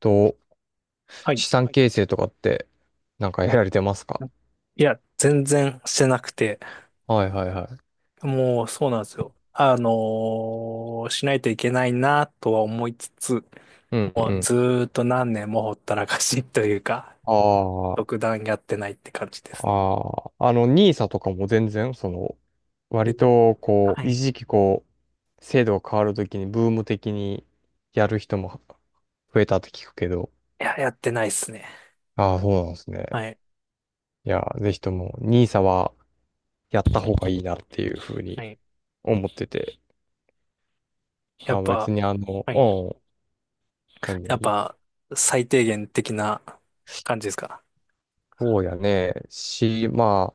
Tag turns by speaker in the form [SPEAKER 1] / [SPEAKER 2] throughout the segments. [SPEAKER 1] と、
[SPEAKER 2] はい。
[SPEAKER 1] 資産形成とかってなんかやられてますか？
[SPEAKER 2] いや、全然してなくて、
[SPEAKER 1] はいはいはい。
[SPEAKER 2] もうそうなんですよ。しないといけないなとは思いつつ、
[SPEAKER 1] うん
[SPEAKER 2] も
[SPEAKER 1] う
[SPEAKER 2] う
[SPEAKER 1] ん。
[SPEAKER 2] ずーっと何年もほったらかしというか、
[SPEAKER 1] あ
[SPEAKER 2] 独断やってないって感じです
[SPEAKER 1] あ、
[SPEAKER 2] ね。
[SPEAKER 1] ああ、あの、ニーサとかも全然、その、
[SPEAKER 2] い
[SPEAKER 1] 割と、こ
[SPEAKER 2] は
[SPEAKER 1] う、
[SPEAKER 2] い。
[SPEAKER 1] 一
[SPEAKER 2] い
[SPEAKER 1] 時期、制度が変わるときに、ブーム的にやる人も増えたって聞くけど。
[SPEAKER 2] や、やってないですね。
[SPEAKER 1] ああ、そうなんですね。
[SPEAKER 2] はい。
[SPEAKER 1] いや、ぜひとも、ニー s はやった方がいいなっていうふう
[SPEAKER 2] は
[SPEAKER 1] に
[SPEAKER 2] い。
[SPEAKER 1] 思ってて。
[SPEAKER 2] や
[SPEAKER 1] あ
[SPEAKER 2] っ
[SPEAKER 1] あ、
[SPEAKER 2] ぱ、
[SPEAKER 1] 別にあの、
[SPEAKER 2] はい。
[SPEAKER 1] うん、何
[SPEAKER 2] やっ
[SPEAKER 1] 々。
[SPEAKER 2] ぱ、最低限的な感じですか。
[SPEAKER 1] そうやね。ま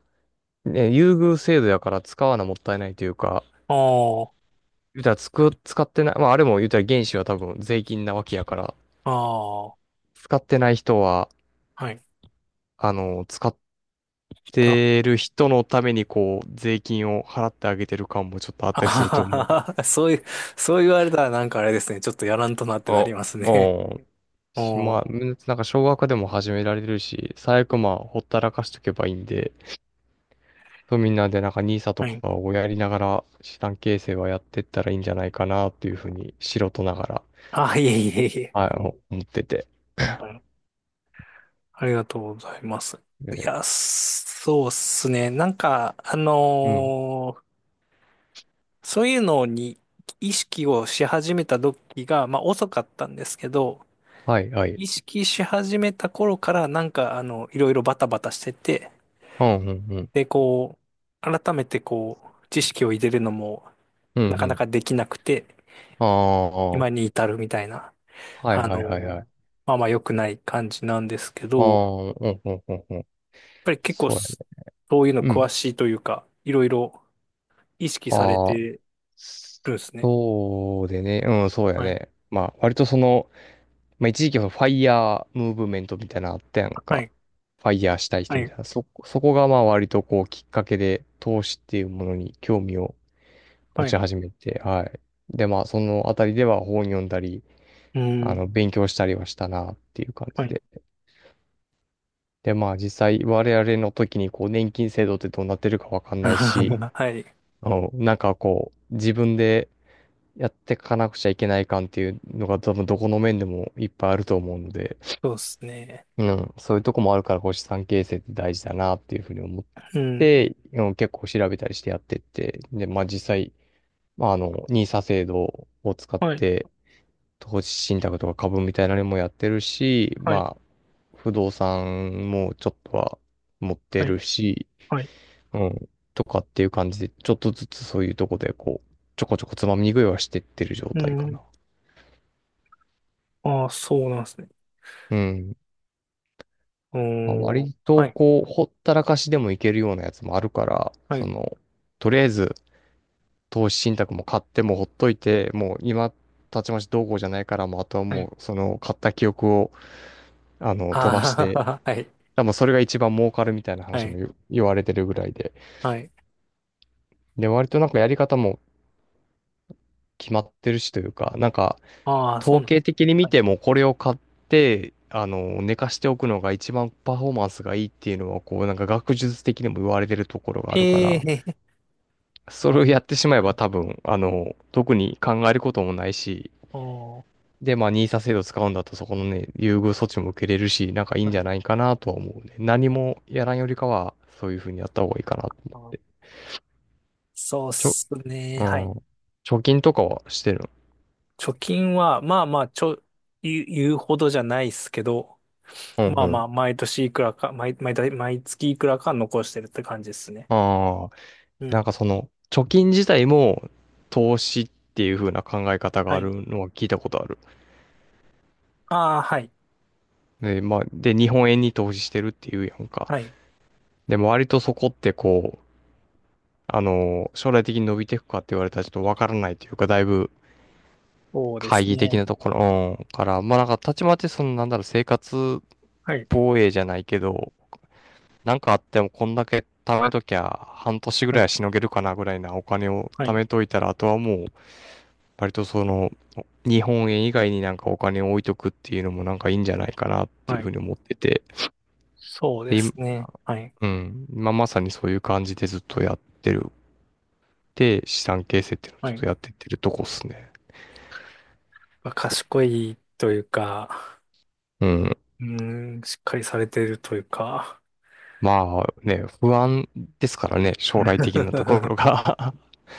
[SPEAKER 1] あ、ね、優遇制度やから使わなもったいないというか、
[SPEAKER 2] ああ、
[SPEAKER 1] 言うたらつく、使ってない、まああれも言うたら原資は多分税金なわけやから、
[SPEAKER 2] ああ、
[SPEAKER 1] 使ってない人は、
[SPEAKER 2] はい。
[SPEAKER 1] あの、使っ
[SPEAKER 2] だ
[SPEAKER 1] てる人のためにこう、税金を払ってあげてる感もちょっとあっ
[SPEAKER 2] あ
[SPEAKER 1] たりすると
[SPEAKER 2] は
[SPEAKER 1] 思う。
[SPEAKER 2] はは そういう、そう言われたらなんかあれですね。ちょっとやらんとなってな
[SPEAKER 1] あ、
[SPEAKER 2] り
[SPEAKER 1] あ
[SPEAKER 2] ますね。
[SPEAKER 1] あ。
[SPEAKER 2] お
[SPEAKER 1] ま
[SPEAKER 2] ー、
[SPEAKER 1] あ、なんか少額でも始められるし、最悪まあ、ほったらかしとけばいいんで、そうみんなでなんか n i と
[SPEAKER 2] はい。
[SPEAKER 1] かをやりながら資産形成はやってったらいいんじゃないかなっていうふうに素人ながら、
[SPEAKER 2] あ、いえいえいえ。
[SPEAKER 1] あの、思ってて。
[SPEAKER 2] はい。ありがとうございます。い
[SPEAKER 1] え、
[SPEAKER 2] や、そうっすね。なんか、
[SPEAKER 1] うん。
[SPEAKER 2] そういうのに意識をし始めた時が、まあ遅かったんですけど、
[SPEAKER 1] はい、はい。
[SPEAKER 2] 意識し始めた頃からなんか、いろいろバタバタしてて、
[SPEAKER 1] うん、うん、うん。
[SPEAKER 2] で、改めてこう、知識を入れるのも、
[SPEAKER 1] うん、
[SPEAKER 2] なか
[SPEAKER 1] う
[SPEAKER 2] な
[SPEAKER 1] ん。
[SPEAKER 2] かできなくて、
[SPEAKER 1] ああ、
[SPEAKER 2] 今
[SPEAKER 1] は
[SPEAKER 2] に至るみたいな、
[SPEAKER 1] い、はい、
[SPEAKER 2] あ
[SPEAKER 1] はい、はい。あ
[SPEAKER 2] の、まあまあ良くない感じなんですけ
[SPEAKER 1] あ、う
[SPEAKER 2] ど、やっ
[SPEAKER 1] ん、うん、うん、うん。
[SPEAKER 2] ぱり結構
[SPEAKER 1] そうやね。
[SPEAKER 2] そういうの
[SPEAKER 1] う
[SPEAKER 2] 詳
[SPEAKER 1] ん。
[SPEAKER 2] しいというか、いろいろ意識され
[SPEAKER 1] あ
[SPEAKER 2] て
[SPEAKER 1] あ、
[SPEAKER 2] るんですね。
[SPEAKER 1] そうでね。うん、そうや
[SPEAKER 2] はい。
[SPEAKER 1] ね。まあ、割とその、まあ、一時期はファイヤームーブメントみたいなのあったやん
[SPEAKER 2] は
[SPEAKER 1] か。
[SPEAKER 2] い。
[SPEAKER 1] ファイヤーしたい
[SPEAKER 2] は
[SPEAKER 1] 人み
[SPEAKER 2] い。
[SPEAKER 1] たいな。そこがまあ割とこうきっかけで、投資っていうものに興味を持
[SPEAKER 2] は
[SPEAKER 1] ち
[SPEAKER 2] い。
[SPEAKER 1] 始めて、はい。で、まあ、そのあたりでは本読んだり、
[SPEAKER 2] う
[SPEAKER 1] あ
[SPEAKER 2] ん。
[SPEAKER 1] の、勉強したりはしたなっていう感
[SPEAKER 2] は
[SPEAKER 1] じ
[SPEAKER 2] い。
[SPEAKER 1] で。で、まあ実際我々の時にこう年金制度ってどうなってるかわかんないし、
[SPEAKER 2] はい。
[SPEAKER 1] あの、なんかこう自分でやってかなくちゃいけない感っていうのが多分どこの面でもいっぱいあると思うので、
[SPEAKER 2] そうですね。
[SPEAKER 1] うん、そういうとこもあるからこう資産形成って大事だなっていうふうに思っ
[SPEAKER 2] うん。
[SPEAKER 1] て、うん、結構調べたりしてやってって、で、まあ実際、まああの、n i 制度を使っ
[SPEAKER 2] はい。
[SPEAKER 1] て投資信託とか株みたいなのもやってるし、
[SPEAKER 2] はい。
[SPEAKER 1] まあ不動産もちょっとは持って
[SPEAKER 2] はい。
[SPEAKER 1] るし、
[SPEAKER 2] はい。
[SPEAKER 1] うん、とかっていう感じで、ちょっとずつそういうとこで、こう、ちょこちょこつまみ食いはしてってる状
[SPEAKER 2] う
[SPEAKER 1] 態か
[SPEAKER 2] ん。
[SPEAKER 1] な。
[SPEAKER 2] ああ、そうなんですね。
[SPEAKER 1] うん。
[SPEAKER 2] う
[SPEAKER 1] まあ、
[SPEAKER 2] ーん。
[SPEAKER 1] 割
[SPEAKER 2] は
[SPEAKER 1] と、
[SPEAKER 2] い。
[SPEAKER 1] こう、ほったらかしでもいけるようなやつもあるから、
[SPEAKER 2] は
[SPEAKER 1] そ
[SPEAKER 2] い。
[SPEAKER 1] の、とりあえず、投資信託も買ってもほっといて、もう今、たちまちどうこうじゃないから、もうあとは
[SPEAKER 2] は
[SPEAKER 1] も
[SPEAKER 2] い。
[SPEAKER 1] う、その、買った記憶を、あの、飛ばし
[SPEAKER 2] あ
[SPEAKER 1] て、
[SPEAKER 2] あ、はい。
[SPEAKER 1] 多分それが一番儲かるみたいな
[SPEAKER 2] は
[SPEAKER 1] 話も
[SPEAKER 2] い。
[SPEAKER 1] 言われてるぐらいで。
[SPEAKER 2] はい。
[SPEAKER 1] で、割となんかやり方も決まってるしというか、なんか、
[SPEAKER 2] ああ、そう
[SPEAKER 1] 統
[SPEAKER 2] なんで
[SPEAKER 1] 計
[SPEAKER 2] す
[SPEAKER 1] 的
[SPEAKER 2] ね。
[SPEAKER 1] に見
[SPEAKER 2] はい。
[SPEAKER 1] てもこれを買って、あの、寝かしておくのが一番パフォーマンスがいいっていうのは、こう、なんか学術的にも言われてるところがあるから、
[SPEAKER 2] ええ、
[SPEAKER 1] それ
[SPEAKER 2] あ、
[SPEAKER 1] をやってしまえ
[SPEAKER 2] は
[SPEAKER 1] ば
[SPEAKER 2] い。
[SPEAKER 1] 多分、あの、特に考えることもないし、
[SPEAKER 2] あー
[SPEAKER 1] で、まあ、ニーサ制度使うんだったらそこのね、優遇措置も受けれるし、なんかいい
[SPEAKER 2] は
[SPEAKER 1] んじゃ
[SPEAKER 2] い。
[SPEAKER 1] ないかなとは思うね。何もやらんよりかは、そういうふうにやった方がいいかなと思って。
[SPEAKER 2] あ、そうっ
[SPEAKER 1] ちょ、
[SPEAKER 2] すね。
[SPEAKER 1] う
[SPEAKER 2] は
[SPEAKER 1] ん。
[SPEAKER 2] い。
[SPEAKER 1] 貯金とかはしてるの？
[SPEAKER 2] 貯金は、まあまあ、言うほどじゃないっすけど、
[SPEAKER 1] うん
[SPEAKER 2] ま
[SPEAKER 1] う
[SPEAKER 2] あま
[SPEAKER 1] ん。
[SPEAKER 2] あ、毎年いくらか、毎月いくらか残してるって感じですね。
[SPEAKER 1] ああ。
[SPEAKER 2] う
[SPEAKER 1] なん
[SPEAKER 2] ん。
[SPEAKER 1] かその、貯金自体も投資っていう風な考え方が
[SPEAKER 2] は
[SPEAKER 1] あ
[SPEAKER 2] い。
[SPEAKER 1] るのは聞いたことある。
[SPEAKER 2] ああ、はい。
[SPEAKER 1] で、まあ、で、日本円に投資してるっていうやんか。
[SPEAKER 2] はい。
[SPEAKER 1] でも割とそこってこう、あの、将来的に伸びていくかって言われたらちょっとわからないというか、だいぶ
[SPEAKER 2] そうで
[SPEAKER 1] 懐
[SPEAKER 2] す
[SPEAKER 1] 疑的
[SPEAKER 2] ね。
[SPEAKER 1] なところ、うんから、まあなんかたちまちその、なんだろう、生活
[SPEAKER 2] はい。
[SPEAKER 1] 防衛じゃないけど、なんかあってもこんだけ貯めときゃ半年ぐ
[SPEAKER 2] は
[SPEAKER 1] らいは
[SPEAKER 2] い。
[SPEAKER 1] しのげるかなぐらいなお金を
[SPEAKER 2] は
[SPEAKER 1] 貯
[SPEAKER 2] い。
[SPEAKER 1] めといたら、あとはもう、割とその、日本円以外になんかお金を置いとくっていうのもなんかいいんじゃないかなっていう
[SPEAKER 2] は
[SPEAKER 1] ふ
[SPEAKER 2] い。
[SPEAKER 1] うに思ってて。
[SPEAKER 2] そうで
[SPEAKER 1] で、
[SPEAKER 2] す
[SPEAKER 1] 今、
[SPEAKER 2] ね。はい。
[SPEAKER 1] うん、今まさにそういう感じでずっとやってる。で、資産形成っていうのをち
[SPEAKER 2] は
[SPEAKER 1] ょっと
[SPEAKER 2] い。
[SPEAKER 1] やってってるとこっすね。
[SPEAKER 2] まあ、賢いというか、
[SPEAKER 1] うん。
[SPEAKER 2] うーん、しっかりされてるというか、
[SPEAKER 1] まあね、不安ですからね、将来的なところ が。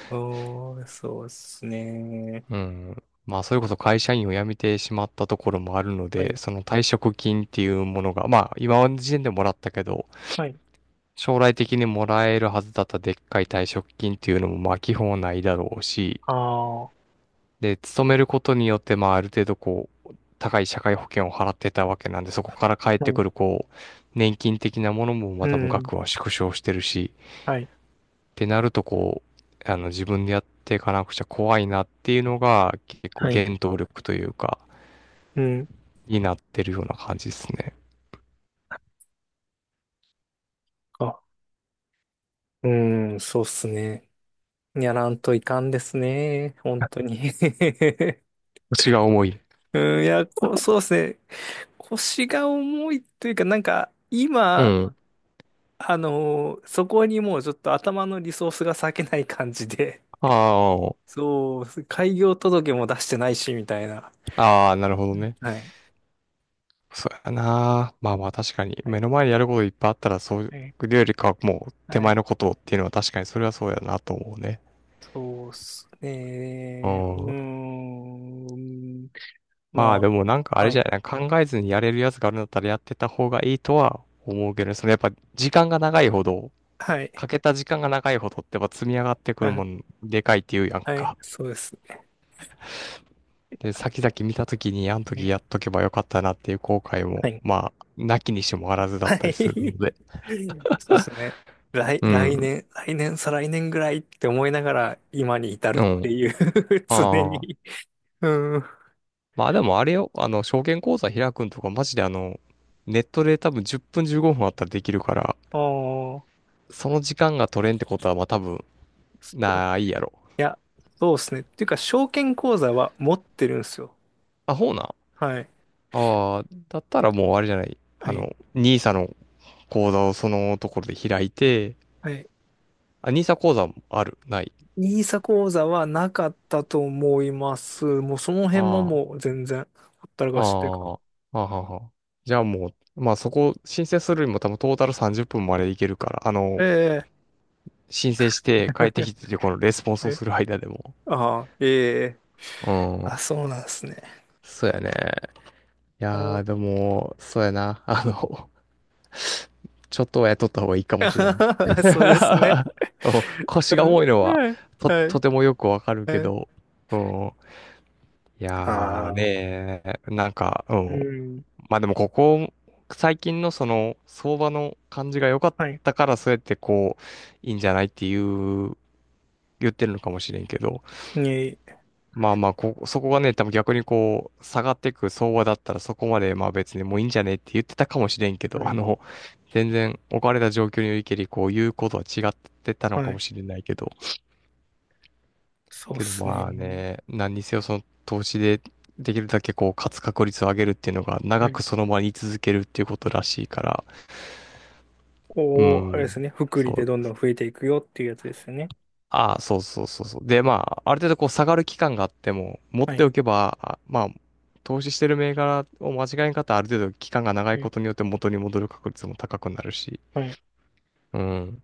[SPEAKER 2] おー、そうですね。
[SPEAKER 1] うん。まあ、それこそ会社員を辞めてしまったところもあるの
[SPEAKER 2] は
[SPEAKER 1] で、
[SPEAKER 2] い。
[SPEAKER 1] その退職金っていうものが、まあ、今の時点でもらったけど、
[SPEAKER 2] はい。
[SPEAKER 1] 将来的にもらえるはずだったでっかい退職金っていうのも、まあ、基本はないだろうし、
[SPEAKER 2] ああ、は
[SPEAKER 1] で、勤めることによって、まあ、ある程度、こう、高い社会保険を払ってたわけなんで、そこから返って
[SPEAKER 2] い。
[SPEAKER 1] くる、こう、年金的なものもま
[SPEAKER 2] う
[SPEAKER 1] たも
[SPEAKER 2] ん。
[SPEAKER 1] 額は縮小してるし、
[SPEAKER 2] はい。
[SPEAKER 1] ってなると、こう、あの、自分でやっていかなくちゃ怖いなっていうのが、結構
[SPEAKER 2] はい。
[SPEAKER 1] 原動力というか、
[SPEAKER 2] うん。
[SPEAKER 1] になってるような感じですね。
[SPEAKER 2] あ、うん、そうっすね。やらんといかんですね。本当 に。
[SPEAKER 1] 腰が重い。
[SPEAKER 2] うん、いや、こう、そうっすね。腰が重いというか、なんか、
[SPEAKER 1] う
[SPEAKER 2] 今、
[SPEAKER 1] ん。
[SPEAKER 2] そこにもうちょっと頭のリソースが割けない感じで、
[SPEAKER 1] あ
[SPEAKER 2] そう、開業届も出してないし、みたいな。
[SPEAKER 1] あ、ああ、なるほどね。
[SPEAKER 2] はい。
[SPEAKER 1] そうやな。まあまあ確かに、
[SPEAKER 2] は
[SPEAKER 1] 目
[SPEAKER 2] い。
[SPEAKER 1] の前にやることいっぱいあったら、そうい
[SPEAKER 2] はい。
[SPEAKER 1] うよりかはもう手
[SPEAKER 2] は
[SPEAKER 1] 前
[SPEAKER 2] い。
[SPEAKER 1] のことっていうのは確かにそれはそうやなと思うね。
[SPEAKER 2] そうっす
[SPEAKER 1] う
[SPEAKER 2] ね。うー
[SPEAKER 1] ん。
[SPEAKER 2] ん。
[SPEAKER 1] まあ
[SPEAKER 2] ま
[SPEAKER 1] でもなんかあ
[SPEAKER 2] あ、
[SPEAKER 1] れ
[SPEAKER 2] は
[SPEAKER 1] じゃ
[SPEAKER 2] い。
[SPEAKER 1] ない、考えずにやれるやつがあるんだったらやってた方がいいとは思うけどね。そのやっぱ時間が長いほど、
[SPEAKER 2] はい。
[SPEAKER 1] かけた時間が長いほどってやっぱ積み上がってくるも んでかいっていうやん
[SPEAKER 2] あ、はい。
[SPEAKER 1] か。
[SPEAKER 2] そうです
[SPEAKER 1] で、先々見た時にあの時
[SPEAKER 2] ね。
[SPEAKER 1] やっとけばよかったなっていう後悔
[SPEAKER 2] は
[SPEAKER 1] も、
[SPEAKER 2] い。
[SPEAKER 1] まあ、なきにしもあらずだっ
[SPEAKER 2] は
[SPEAKER 1] たりするの
[SPEAKER 2] い。
[SPEAKER 1] で。
[SPEAKER 2] そうですね。
[SPEAKER 1] うん。
[SPEAKER 2] 来年、再来年ぐらいって思いながら今に至る
[SPEAKER 1] う
[SPEAKER 2] って
[SPEAKER 1] ん。
[SPEAKER 2] いう 常
[SPEAKER 1] あ
[SPEAKER 2] に。
[SPEAKER 1] あ。
[SPEAKER 2] うん。あ
[SPEAKER 1] まあでもあれよ、あの、証券口座開くんとかマジであの、ネットで多分10分15分あったらできるから、
[SPEAKER 2] あ、そ
[SPEAKER 1] その時間が取れんってことはまあ多分
[SPEAKER 2] う、い
[SPEAKER 1] ないやろ。
[SPEAKER 2] や、そうですね。っていうか、証券口座は持ってるんですよ。
[SPEAKER 1] あ、ほうな。
[SPEAKER 2] はい。
[SPEAKER 1] ああ、だったらもうあれじゃない。
[SPEAKER 2] は
[SPEAKER 1] あ
[SPEAKER 2] い。
[SPEAKER 1] の、ニーサの口座をそのところで開いて、
[SPEAKER 2] はい。
[SPEAKER 1] あ、ニーサ口座もある、ない？
[SPEAKER 2] ニーサ口座はなかったと思います。もうその辺も
[SPEAKER 1] あ
[SPEAKER 2] もう全然ほったら
[SPEAKER 1] あ、
[SPEAKER 2] か
[SPEAKER 1] あ
[SPEAKER 2] しという
[SPEAKER 1] あ、
[SPEAKER 2] か。
[SPEAKER 1] はあはあはあ。じゃあもう、まあそこ申請するよりも多分トータル30分までいけるから、あ
[SPEAKER 2] え
[SPEAKER 1] の、
[SPEAKER 2] え
[SPEAKER 1] 申請して帰ってき て、このレスポンスをする間でも。
[SPEAKER 2] ああ、ええ、
[SPEAKER 1] う
[SPEAKER 2] あ、
[SPEAKER 1] ん。
[SPEAKER 2] そうなんですね。
[SPEAKER 1] そうやね。い
[SPEAKER 2] あ
[SPEAKER 1] や
[SPEAKER 2] の
[SPEAKER 1] ー、でも、そうやな。あの、ちょっとは雇った方がいいかもしれんね。う
[SPEAKER 2] そうですね。
[SPEAKER 1] ん、腰
[SPEAKER 2] う
[SPEAKER 1] が
[SPEAKER 2] ん。
[SPEAKER 1] 重いのは、
[SPEAKER 2] はい。
[SPEAKER 1] と、
[SPEAKER 2] は
[SPEAKER 1] と
[SPEAKER 2] い。
[SPEAKER 1] てもよくわかるけ
[SPEAKER 2] はい。
[SPEAKER 1] ど、うん。いやー
[SPEAKER 2] ああ。
[SPEAKER 1] ねー、なんか、う
[SPEAKER 2] う
[SPEAKER 1] ん。
[SPEAKER 2] ん。
[SPEAKER 1] まあでもここ、最近のその、相場の感じが良かっ
[SPEAKER 2] はい。
[SPEAKER 1] たから、そうやってこう、いいんじゃないっていう、言ってるのかもしれんけど、
[SPEAKER 2] ね、
[SPEAKER 1] まあまあ、こ、そこがね、多分逆にこう、下がってく相場だったらそこまでまあ別にもういいんじゃねって言ってたかもしれんけ
[SPEAKER 2] は
[SPEAKER 1] ど、
[SPEAKER 2] い。
[SPEAKER 1] 全然置かれた状況においけり、こう、言うことは違ってたのか
[SPEAKER 2] は
[SPEAKER 1] も
[SPEAKER 2] い。
[SPEAKER 1] しれないけど、
[SPEAKER 2] そうで
[SPEAKER 1] けど
[SPEAKER 2] すね。
[SPEAKER 1] まあね、何にせよその投資でできるだけこう、勝つ確率を上げるっていうのが
[SPEAKER 2] は
[SPEAKER 1] 長
[SPEAKER 2] い。
[SPEAKER 1] くその場に居続けるっていうことらしいから、う
[SPEAKER 2] こう、あれで
[SPEAKER 1] ん、
[SPEAKER 2] すね。福
[SPEAKER 1] そ
[SPEAKER 2] 利でどん
[SPEAKER 1] う、
[SPEAKER 2] どん増えていくよっていうやつですよね。
[SPEAKER 1] ああ、そうそうそうそう。で、まあ、ある程度こう下がる期間があっても、持っ
[SPEAKER 2] は
[SPEAKER 1] て
[SPEAKER 2] い。
[SPEAKER 1] おけば、あまあ、投資してる銘柄を間違えんかったらある程度期間が長
[SPEAKER 2] は
[SPEAKER 1] いこ
[SPEAKER 2] い。
[SPEAKER 1] とによって元に戻る確率も高くなるし、
[SPEAKER 2] はい。
[SPEAKER 1] うん。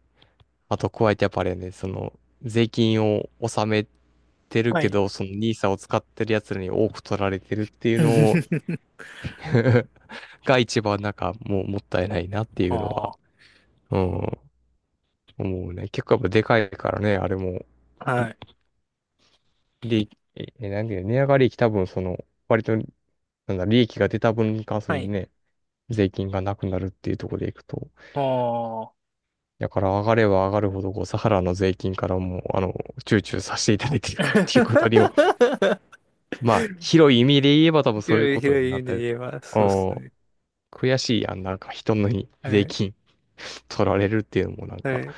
[SPEAKER 1] あと、加えてやっぱあれやね、その、税金を納めてる
[SPEAKER 2] は
[SPEAKER 1] け
[SPEAKER 2] い。
[SPEAKER 1] ど、そのニーサを使ってる奴らに多く取られてるっていうのを が一番なんかもうもったいないなっていうのは、
[SPEAKER 2] あ
[SPEAKER 1] うん、思うね。結構やっぱでかいからね、あれも。
[SPEAKER 2] あ。はい。
[SPEAKER 1] 利益、え、えなんていうの、値上がり益多分その、割と、なんだ、利益が出た分に関す
[SPEAKER 2] は
[SPEAKER 1] る
[SPEAKER 2] い。
[SPEAKER 1] ね、税金がなくなるっていうところでいくと、
[SPEAKER 2] ああ。
[SPEAKER 1] だから上がれば上がるほど、こう、サハラの税金からもう、躊躇させていただいているっていうことにも、まあ、広い意味で言えば多分そういう
[SPEAKER 2] 広い
[SPEAKER 1] こと
[SPEAKER 2] 広
[SPEAKER 1] に
[SPEAKER 2] い意
[SPEAKER 1] な
[SPEAKER 2] 味
[SPEAKER 1] った。
[SPEAKER 2] で言えば、そうです
[SPEAKER 1] おー
[SPEAKER 2] ね。
[SPEAKER 1] 悔しいやん、なんか人のに
[SPEAKER 2] は
[SPEAKER 1] 税
[SPEAKER 2] い。
[SPEAKER 1] 金取られるっていうのもなん
[SPEAKER 2] は
[SPEAKER 1] か、
[SPEAKER 2] い。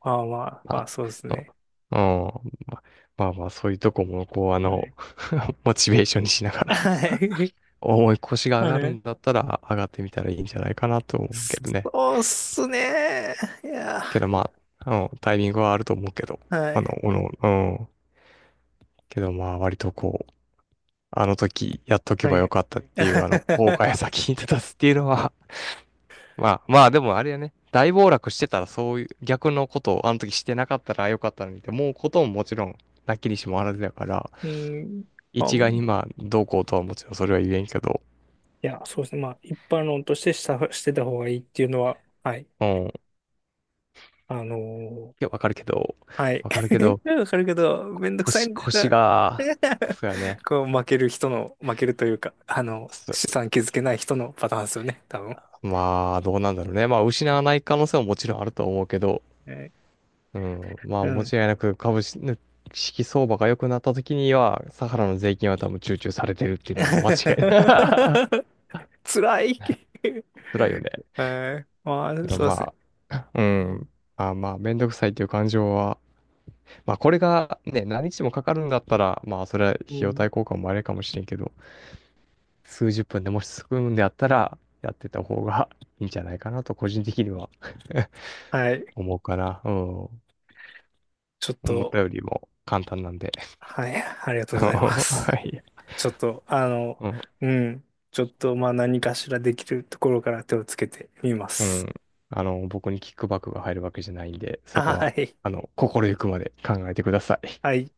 [SPEAKER 2] まあまあ、まあ
[SPEAKER 1] ま
[SPEAKER 2] そうですね。
[SPEAKER 1] あ、うん、うんまあまあまあ、そういうとこも、こう、
[SPEAKER 2] はい。
[SPEAKER 1] モチベーションにしながら
[SPEAKER 2] はい。
[SPEAKER 1] 重い腰が上
[SPEAKER 2] は
[SPEAKER 1] がる
[SPEAKER 2] い。
[SPEAKER 1] んだったら上がってみたらいいんじゃないかなと思うけどね。
[SPEAKER 2] そうっすね。いや、
[SPEAKER 1] けどまあ、タイミングはあると思うけど、
[SPEAKER 2] はい。
[SPEAKER 1] うん。けどまあ割とこう、あの時やっとけ
[SPEAKER 2] は
[SPEAKER 1] ばよ
[SPEAKER 2] い。
[SPEAKER 1] かったっていう、後悔が先に立たす っていうのは、まあまあでもあれやね、大暴落してたらそういう逆のことをあの時してなかったらよかったのにって思うことももちろんなきにしもあらずだから、
[SPEAKER 2] うん。あ、
[SPEAKER 1] 一概にまあどうこうとはもちろんそれは言えんけど、
[SPEAKER 2] いや、そうですね。まあ、一般論としてしてた方がいいっていうのは、はい。
[SPEAKER 1] うん。い
[SPEAKER 2] あのー
[SPEAKER 1] や、わかるけど、
[SPEAKER 2] はい。
[SPEAKER 1] わかるけど、
[SPEAKER 2] わかるけど、めんどくさいんだよ
[SPEAKER 1] 腰
[SPEAKER 2] な。
[SPEAKER 1] が、そうやね。
[SPEAKER 2] こう、負ける人の、負けるというか、あの、資
[SPEAKER 1] す
[SPEAKER 2] 産築けない人のパターンですよね、多分。
[SPEAKER 1] まあ、どうなんだろうね。まあ、失わない可能性ももちろんあると思うけど、
[SPEAKER 2] はい。
[SPEAKER 1] うん、ま
[SPEAKER 2] う
[SPEAKER 1] あ、間違
[SPEAKER 2] ん。
[SPEAKER 1] いなく株式相場が良くなった時には、サハラの税金は多分集中されてるっていうのは間違いない。
[SPEAKER 2] 辛い。
[SPEAKER 1] 辛いよね。
[SPEAKER 2] はい。ま
[SPEAKER 1] け
[SPEAKER 2] あ、す
[SPEAKER 1] ど
[SPEAKER 2] いませ
[SPEAKER 1] ま
[SPEAKER 2] ん。
[SPEAKER 1] あ、うん。まあまあ、めんどくさいっていう感情は、まあ、これがね、何日もかかるんだったら、まあ、それは費
[SPEAKER 2] う
[SPEAKER 1] 用
[SPEAKER 2] ん。
[SPEAKER 1] 対効果もあれかもしれんけど、数十分でもし進むんであったら、やってた方がいいんじゃないかなと、個人的には
[SPEAKER 2] はい。
[SPEAKER 1] 思うかな。うん。
[SPEAKER 2] ちょっ
[SPEAKER 1] 思った
[SPEAKER 2] と、
[SPEAKER 1] よりも簡単なんで。
[SPEAKER 2] はい。ありがとう ございます。
[SPEAKER 1] はい。
[SPEAKER 2] ちょっと、あ の、
[SPEAKER 1] うん。
[SPEAKER 2] うん。ちょっと、まあ、何かしらできるところから手をつけてみま
[SPEAKER 1] う
[SPEAKER 2] す。
[SPEAKER 1] ん。僕にキックバックが入るわけじゃないんで、そこ
[SPEAKER 2] は
[SPEAKER 1] は、
[SPEAKER 2] い。
[SPEAKER 1] 心ゆくまで考えてください。
[SPEAKER 2] はい。